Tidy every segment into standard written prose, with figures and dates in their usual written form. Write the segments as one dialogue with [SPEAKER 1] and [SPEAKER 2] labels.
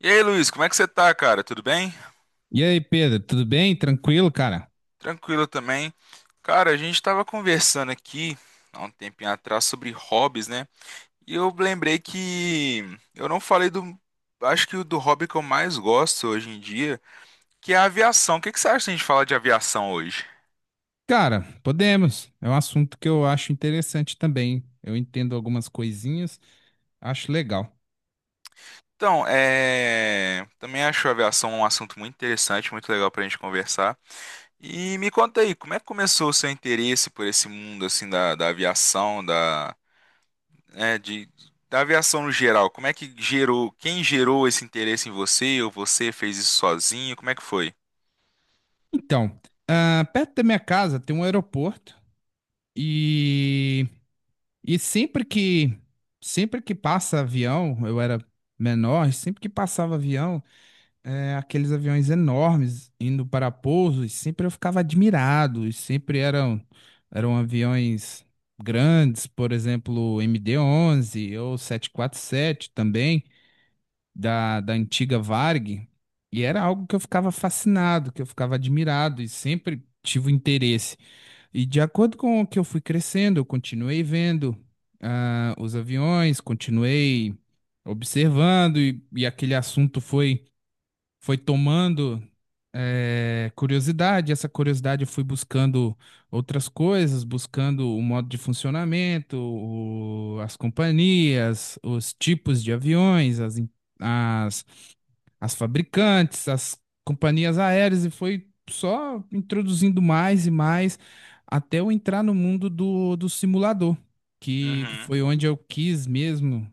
[SPEAKER 1] E aí, Luiz, como é que você tá, cara? Tudo bem?
[SPEAKER 2] E aí, Pedro, tudo bem? Tranquilo, cara?
[SPEAKER 1] Tranquilo também. Cara, a gente tava conversando aqui há um tempinho atrás sobre hobbies, né? E eu lembrei que eu não falei do. Acho que o do hobby que eu mais gosto hoje em dia, que é a aviação. O que que você acha se a gente falar de aviação hoje?
[SPEAKER 2] Cara, podemos. É um assunto que eu acho interessante também. Eu entendo algumas coisinhas, acho legal.
[SPEAKER 1] Então, é. Também acho a aviação um assunto muito interessante, muito legal pra gente conversar. E me conta aí, como é que começou o seu interesse por esse mundo, assim, da aviação, é, de, da aviação no geral, como é que gerou, quem gerou esse interesse em você, ou você fez isso sozinho, como é que foi?
[SPEAKER 2] Então, perto da minha casa tem um aeroporto e, e sempre que passa avião, eu era menor, sempre que passava avião, aqueles aviões enormes indo para pouso, e sempre eu ficava admirado, e sempre eram aviões grandes, por exemplo, o MD-11 ou 747 também, da antiga Varg, e era algo que eu ficava fascinado, que eu ficava admirado, e sempre tive interesse. E de acordo com o que eu fui crescendo, eu continuei vendo os aviões, continuei observando, e aquele assunto foi tomando curiosidade. Essa curiosidade eu fui buscando outras coisas, buscando o modo de funcionamento, o- as companhias, os tipos de aviões, as, em- as, as fabricantes, as companhias aéreas, e foi só introduzindo mais e mais até eu entrar no mundo do simulador, que
[SPEAKER 1] Uhum.
[SPEAKER 2] foi onde eu quis mesmo.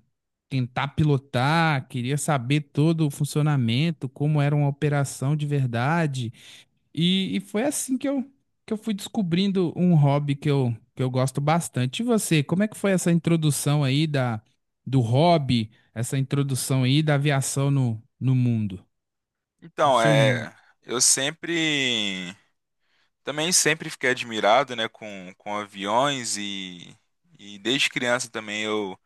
[SPEAKER 2] Tentar pilotar, queria saber todo o funcionamento, como era uma operação de verdade. E foi assim que eu fui descobrindo um hobby que eu gosto bastante. E você, como é que foi essa introdução aí do hobby, essa introdução aí da aviação no mundo, no
[SPEAKER 1] Então,
[SPEAKER 2] seu mundo?
[SPEAKER 1] eu sempre, também sempre fiquei admirado, né, com aviões e, desde criança também eu,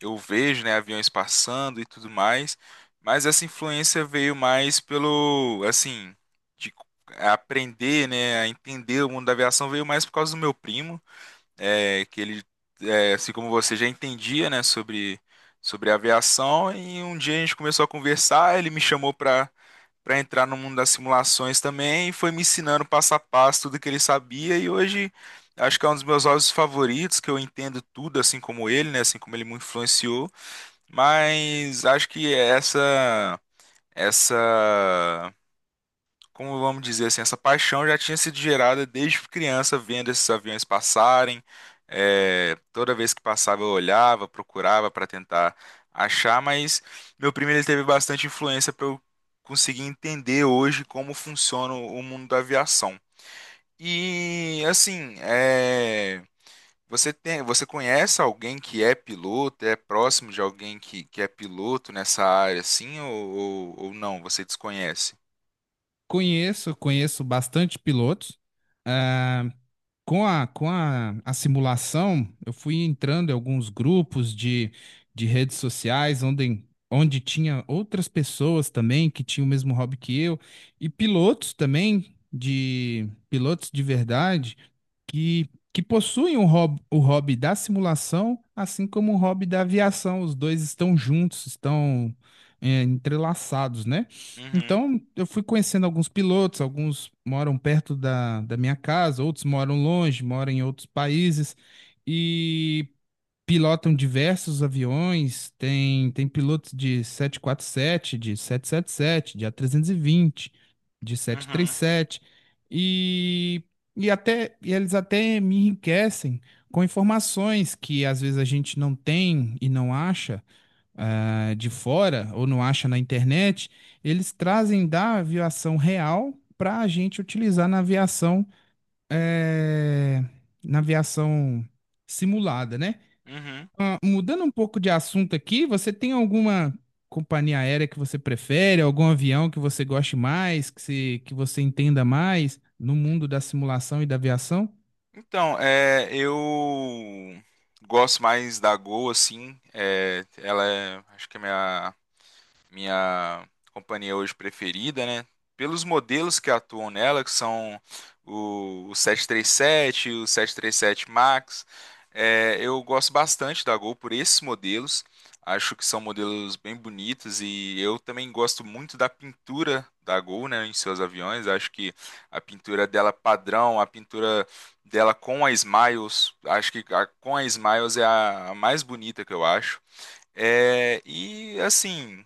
[SPEAKER 1] eu vejo, né, aviões passando e tudo mais, mas essa influência veio mais pelo, assim, de aprender, né, a entender o mundo da aviação veio mais por causa do meu primo, é, que ele, assim como você já entendia, né, sobre aviação, e um dia a gente começou a conversar, ele me chamou para entrar no mundo das simulações também, e foi me ensinando passo a passo tudo que ele sabia, e hoje acho que é um dos meus hobbies favoritos, que eu entendo tudo, assim como ele, né, assim como ele me influenciou, mas acho que essa, como vamos dizer assim, essa paixão já tinha sido gerada desde criança, vendo esses aviões passarem. É, toda vez que passava, eu olhava, procurava para tentar achar, mas meu primo ele teve bastante influência para eu conseguir entender hoje como funciona o mundo da aviação. E assim, você conhece alguém que é piloto, é próximo de alguém que é piloto nessa área, assim, ou não? Você desconhece?
[SPEAKER 2] Conheço bastante pilotos. ah, com a simulação, eu fui entrando em alguns grupos de redes sociais onde tinha outras pessoas também que tinham o mesmo hobby que eu, e pilotos também, de pilotos de verdade, que possuem o hobby da simulação, assim como o hobby da aviação. Os dois estão juntos, entrelaçados, né?
[SPEAKER 1] Uhum,
[SPEAKER 2] Então, eu fui conhecendo alguns pilotos, alguns moram perto da minha casa, outros moram longe, moram em outros países e pilotam diversos aviões. Tem pilotos de 747 de 777 de A320 de sete três
[SPEAKER 1] uhum,
[SPEAKER 2] sete e, e eles até me enriquecem com informações que às vezes a gente não tem e não acha de fora ou não acha na internet, eles trazem da aviação real para a gente utilizar eh, na aviação simulada, né?
[SPEAKER 1] uhum.
[SPEAKER 2] Ah, mudando um pouco de assunto aqui, você tem alguma companhia aérea que você prefere, algum avião que você goste mais, que, se, que você entenda mais no mundo da simulação e da aviação?
[SPEAKER 1] Então, eu gosto mais da Gol, assim. Acho que é minha minha companhia hoje preferida, né? Pelos modelos que atuam nela, que são o 737, o 737 Max, eu gosto bastante da Gol por esses modelos. Acho que são modelos bem bonitos e eu também gosto muito da pintura da Gol, né, em seus aviões. Acho que a pintura dela padrão, a pintura dela com a Smiles, acho que com a Smiles é a mais bonita que eu acho. É, e assim,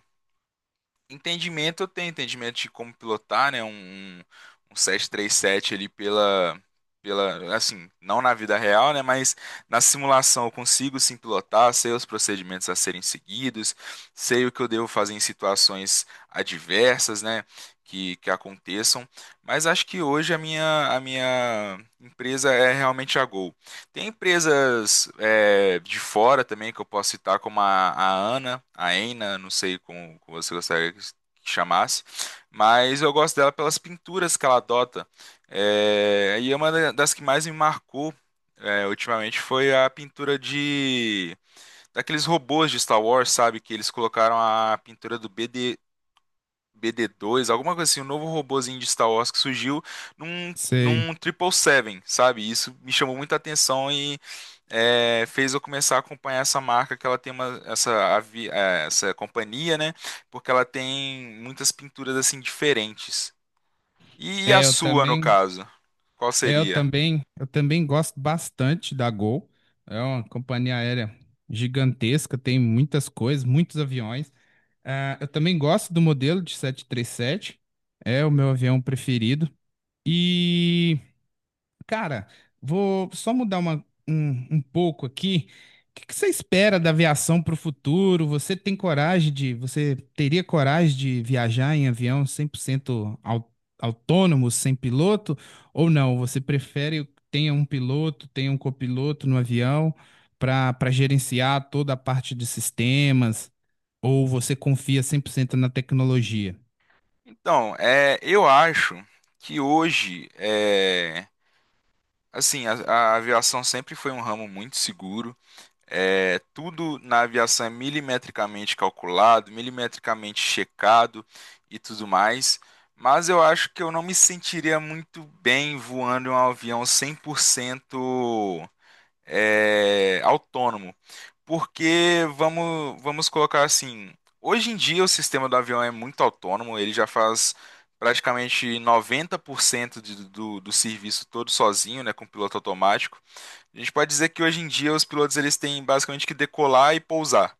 [SPEAKER 1] Entendimento, eu tenho entendimento de como pilotar, né? Um 737 ali assim, não na vida real, né? Mas na simulação eu consigo sim pilotar, sei os procedimentos a serem seguidos, sei o que eu devo fazer em situações adversas, né? Que aconteçam. Mas acho que hoje a minha empresa é realmente a Gol. Tem empresas de fora também que eu posso citar, como a Ana, a Ena, não sei como você gostaria que chamasse, mas eu gosto dela pelas pinturas que ela adota. É, e é uma das que mais me marcou ultimamente foi a pintura de daqueles robôs de Star Wars, sabe? Que eles colocaram a pintura do BD, BD2, alguma coisa assim, um novo robozinho de Star Wars que surgiu num,
[SPEAKER 2] Sei.
[SPEAKER 1] num Triple Seven, sabe? Isso me chamou muita atenção e fez eu começar a acompanhar essa marca, que ela tem uma, essa, avi- eh, essa companhia, né? Porque ela tem muitas pinturas assim diferentes. E a
[SPEAKER 2] É, eu
[SPEAKER 1] sua, no
[SPEAKER 2] também.
[SPEAKER 1] caso? Qual
[SPEAKER 2] É. Eu
[SPEAKER 1] seria?
[SPEAKER 2] também, eu também gosto bastante da Gol. É uma companhia aérea gigantesca, tem muitas coisas, muitos aviões. Ah, eu também gosto do modelo de 737. É o meu avião preferido. E cara, vou só mudar um pouco aqui. O que que você espera da aviação para o futuro? Você tem coragem de, você teria coragem de viajar em avião 100% au- autônomo, sem piloto? Ou não? Você prefere que tenha um piloto, tenha um copiloto no avião para gerenciar toda a parte de sistemas? Ou você confia 100% na tecnologia?
[SPEAKER 1] Então, eu acho que hoje, assim, a aviação sempre foi um ramo muito seguro. Tudo na aviação é milimetricamente calculado, milimetricamente checado e tudo mais. Mas eu acho que eu não me sentiria muito bem voando em um avião 100% autônomo. Porque vamos colocar assim, hoje em dia o sistema do avião é muito autônomo, ele já faz praticamente 90% do serviço todo sozinho, né, com piloto automático. A gente pode dizer que hoje em dia os pilotos eles têm basicamente que decolar e pousar.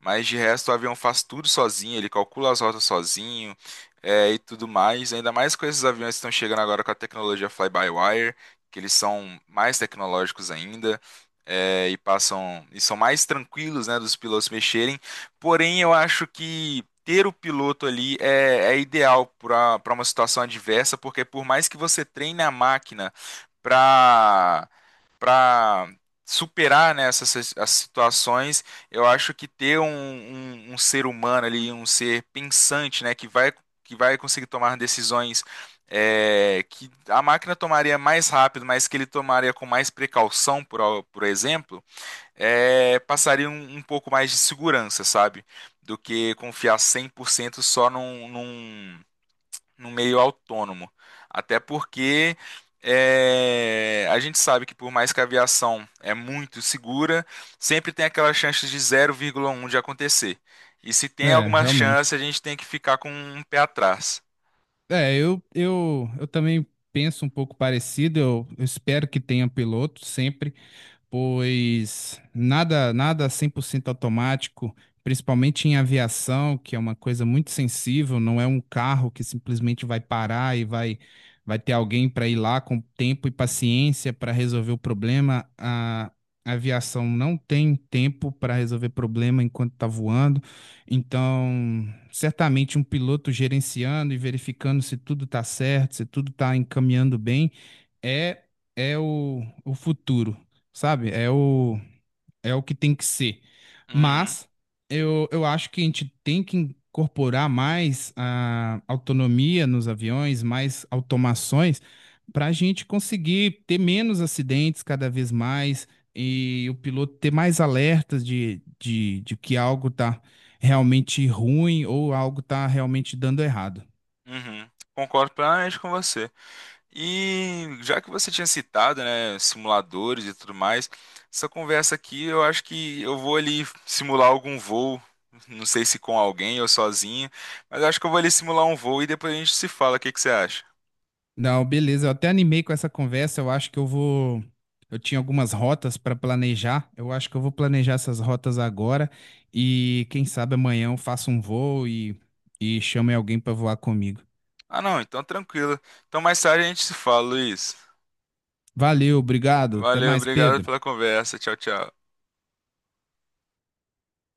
[SPEAKER 1] Mas de resto, o avião faz tudo sozinho, ele calcula as rotas sozinho, e tudo mais. Ainda mais com esses aviões que estão chegando agora com a tecnologia fly-by-wire, que eles são mais tecnológicos ainda, e passam e são mais tranquilos, né, dos pilotos mexerem. Porém, eu acho que ter o piloto ali é ideal para uma situação adversa, porque por mais que você treine a máquina para para superar, né, essas situações eu acho que ter um ser humano ali, um ser pensante, né, que vai conseguir tomar decisões que a máquina tomaria mais rápido, mas que ele tomaria com mais precaução, por exemplo, passaria um pouco mais de segurança, sabe? Do que confiar 100% só no meio autônomo. Até porque a gente sabe que por mais que a aviação é muito segura, sempre tem aquela chance de 0,1 de acontecer. E se tem
[SPEAKER 2] É,
[SPEAKER 1] alguma chance,
[SPEAKER 2] realmente.
[SPEAKER 1] a gente tem que ficar com um pé atrás.
[SPEAKER 2] É, eu também penso um pouco parecido. Eu espero que tenha piloto sempre pois nada 100% automático, principalmente em aviação, que é uma coisa muito sensível, não é um carro que simplesmente vai parar e vai, vai ter alguém para ir lá com tempo e paciência para resolver o problema. A aviação não tem tempo para resolver problema enquanto está voando, então certamente um piloto gerenciando e verificando se tudo está certo, se tudo está encaminhando bem é é o futuro, sabe? É o que tem que ser.
[SPEAKER 1] Uhum,
[SPEAKER 2] Mas eu acho que a gente tem que incorporar mais a autonomia nos aviões, mais automações, para a gente conseguir ter menos acidentes cada vez mais e o piloto ter mais alertas de que algo está realmente ruim ou algo está realmente dando errado.
[SPEAKER 1] uhum. Concordo plenamente com você. E já que você tinha citado, né, simuladores e tudo mais, essa conversa aqui eu acho que eu vou ali simular algum voo, não sei se com alguém ou sozinho, mas eu acho que eu vou ali simular um voo e depois a gente se fala, o que que você acha?
[SPEAKER 2] Não, beleza. Eu até animei com essa conversa. Eu acho que eu vou. Eu tinha algumas rotas para planejar. Eu acho que eu vou planejar essas rotas agora. E quem sabe amanhã eu faço um voo e chame alguém para voar comigo.
[SPEAKER 1] Ah, não, então tranquilo. Então mais tarde a gente se fala, Luiz.
[SPEAKER 2] Valeu, obrigado. Até
[SPEAKER 1] Valeu,
[SPEAKER 2] mais,
[SPEAKER 1] obrigado
[SPEAKER 2] Pedro.
[SPEAKER 1] pela conversa. Tchau, tchau.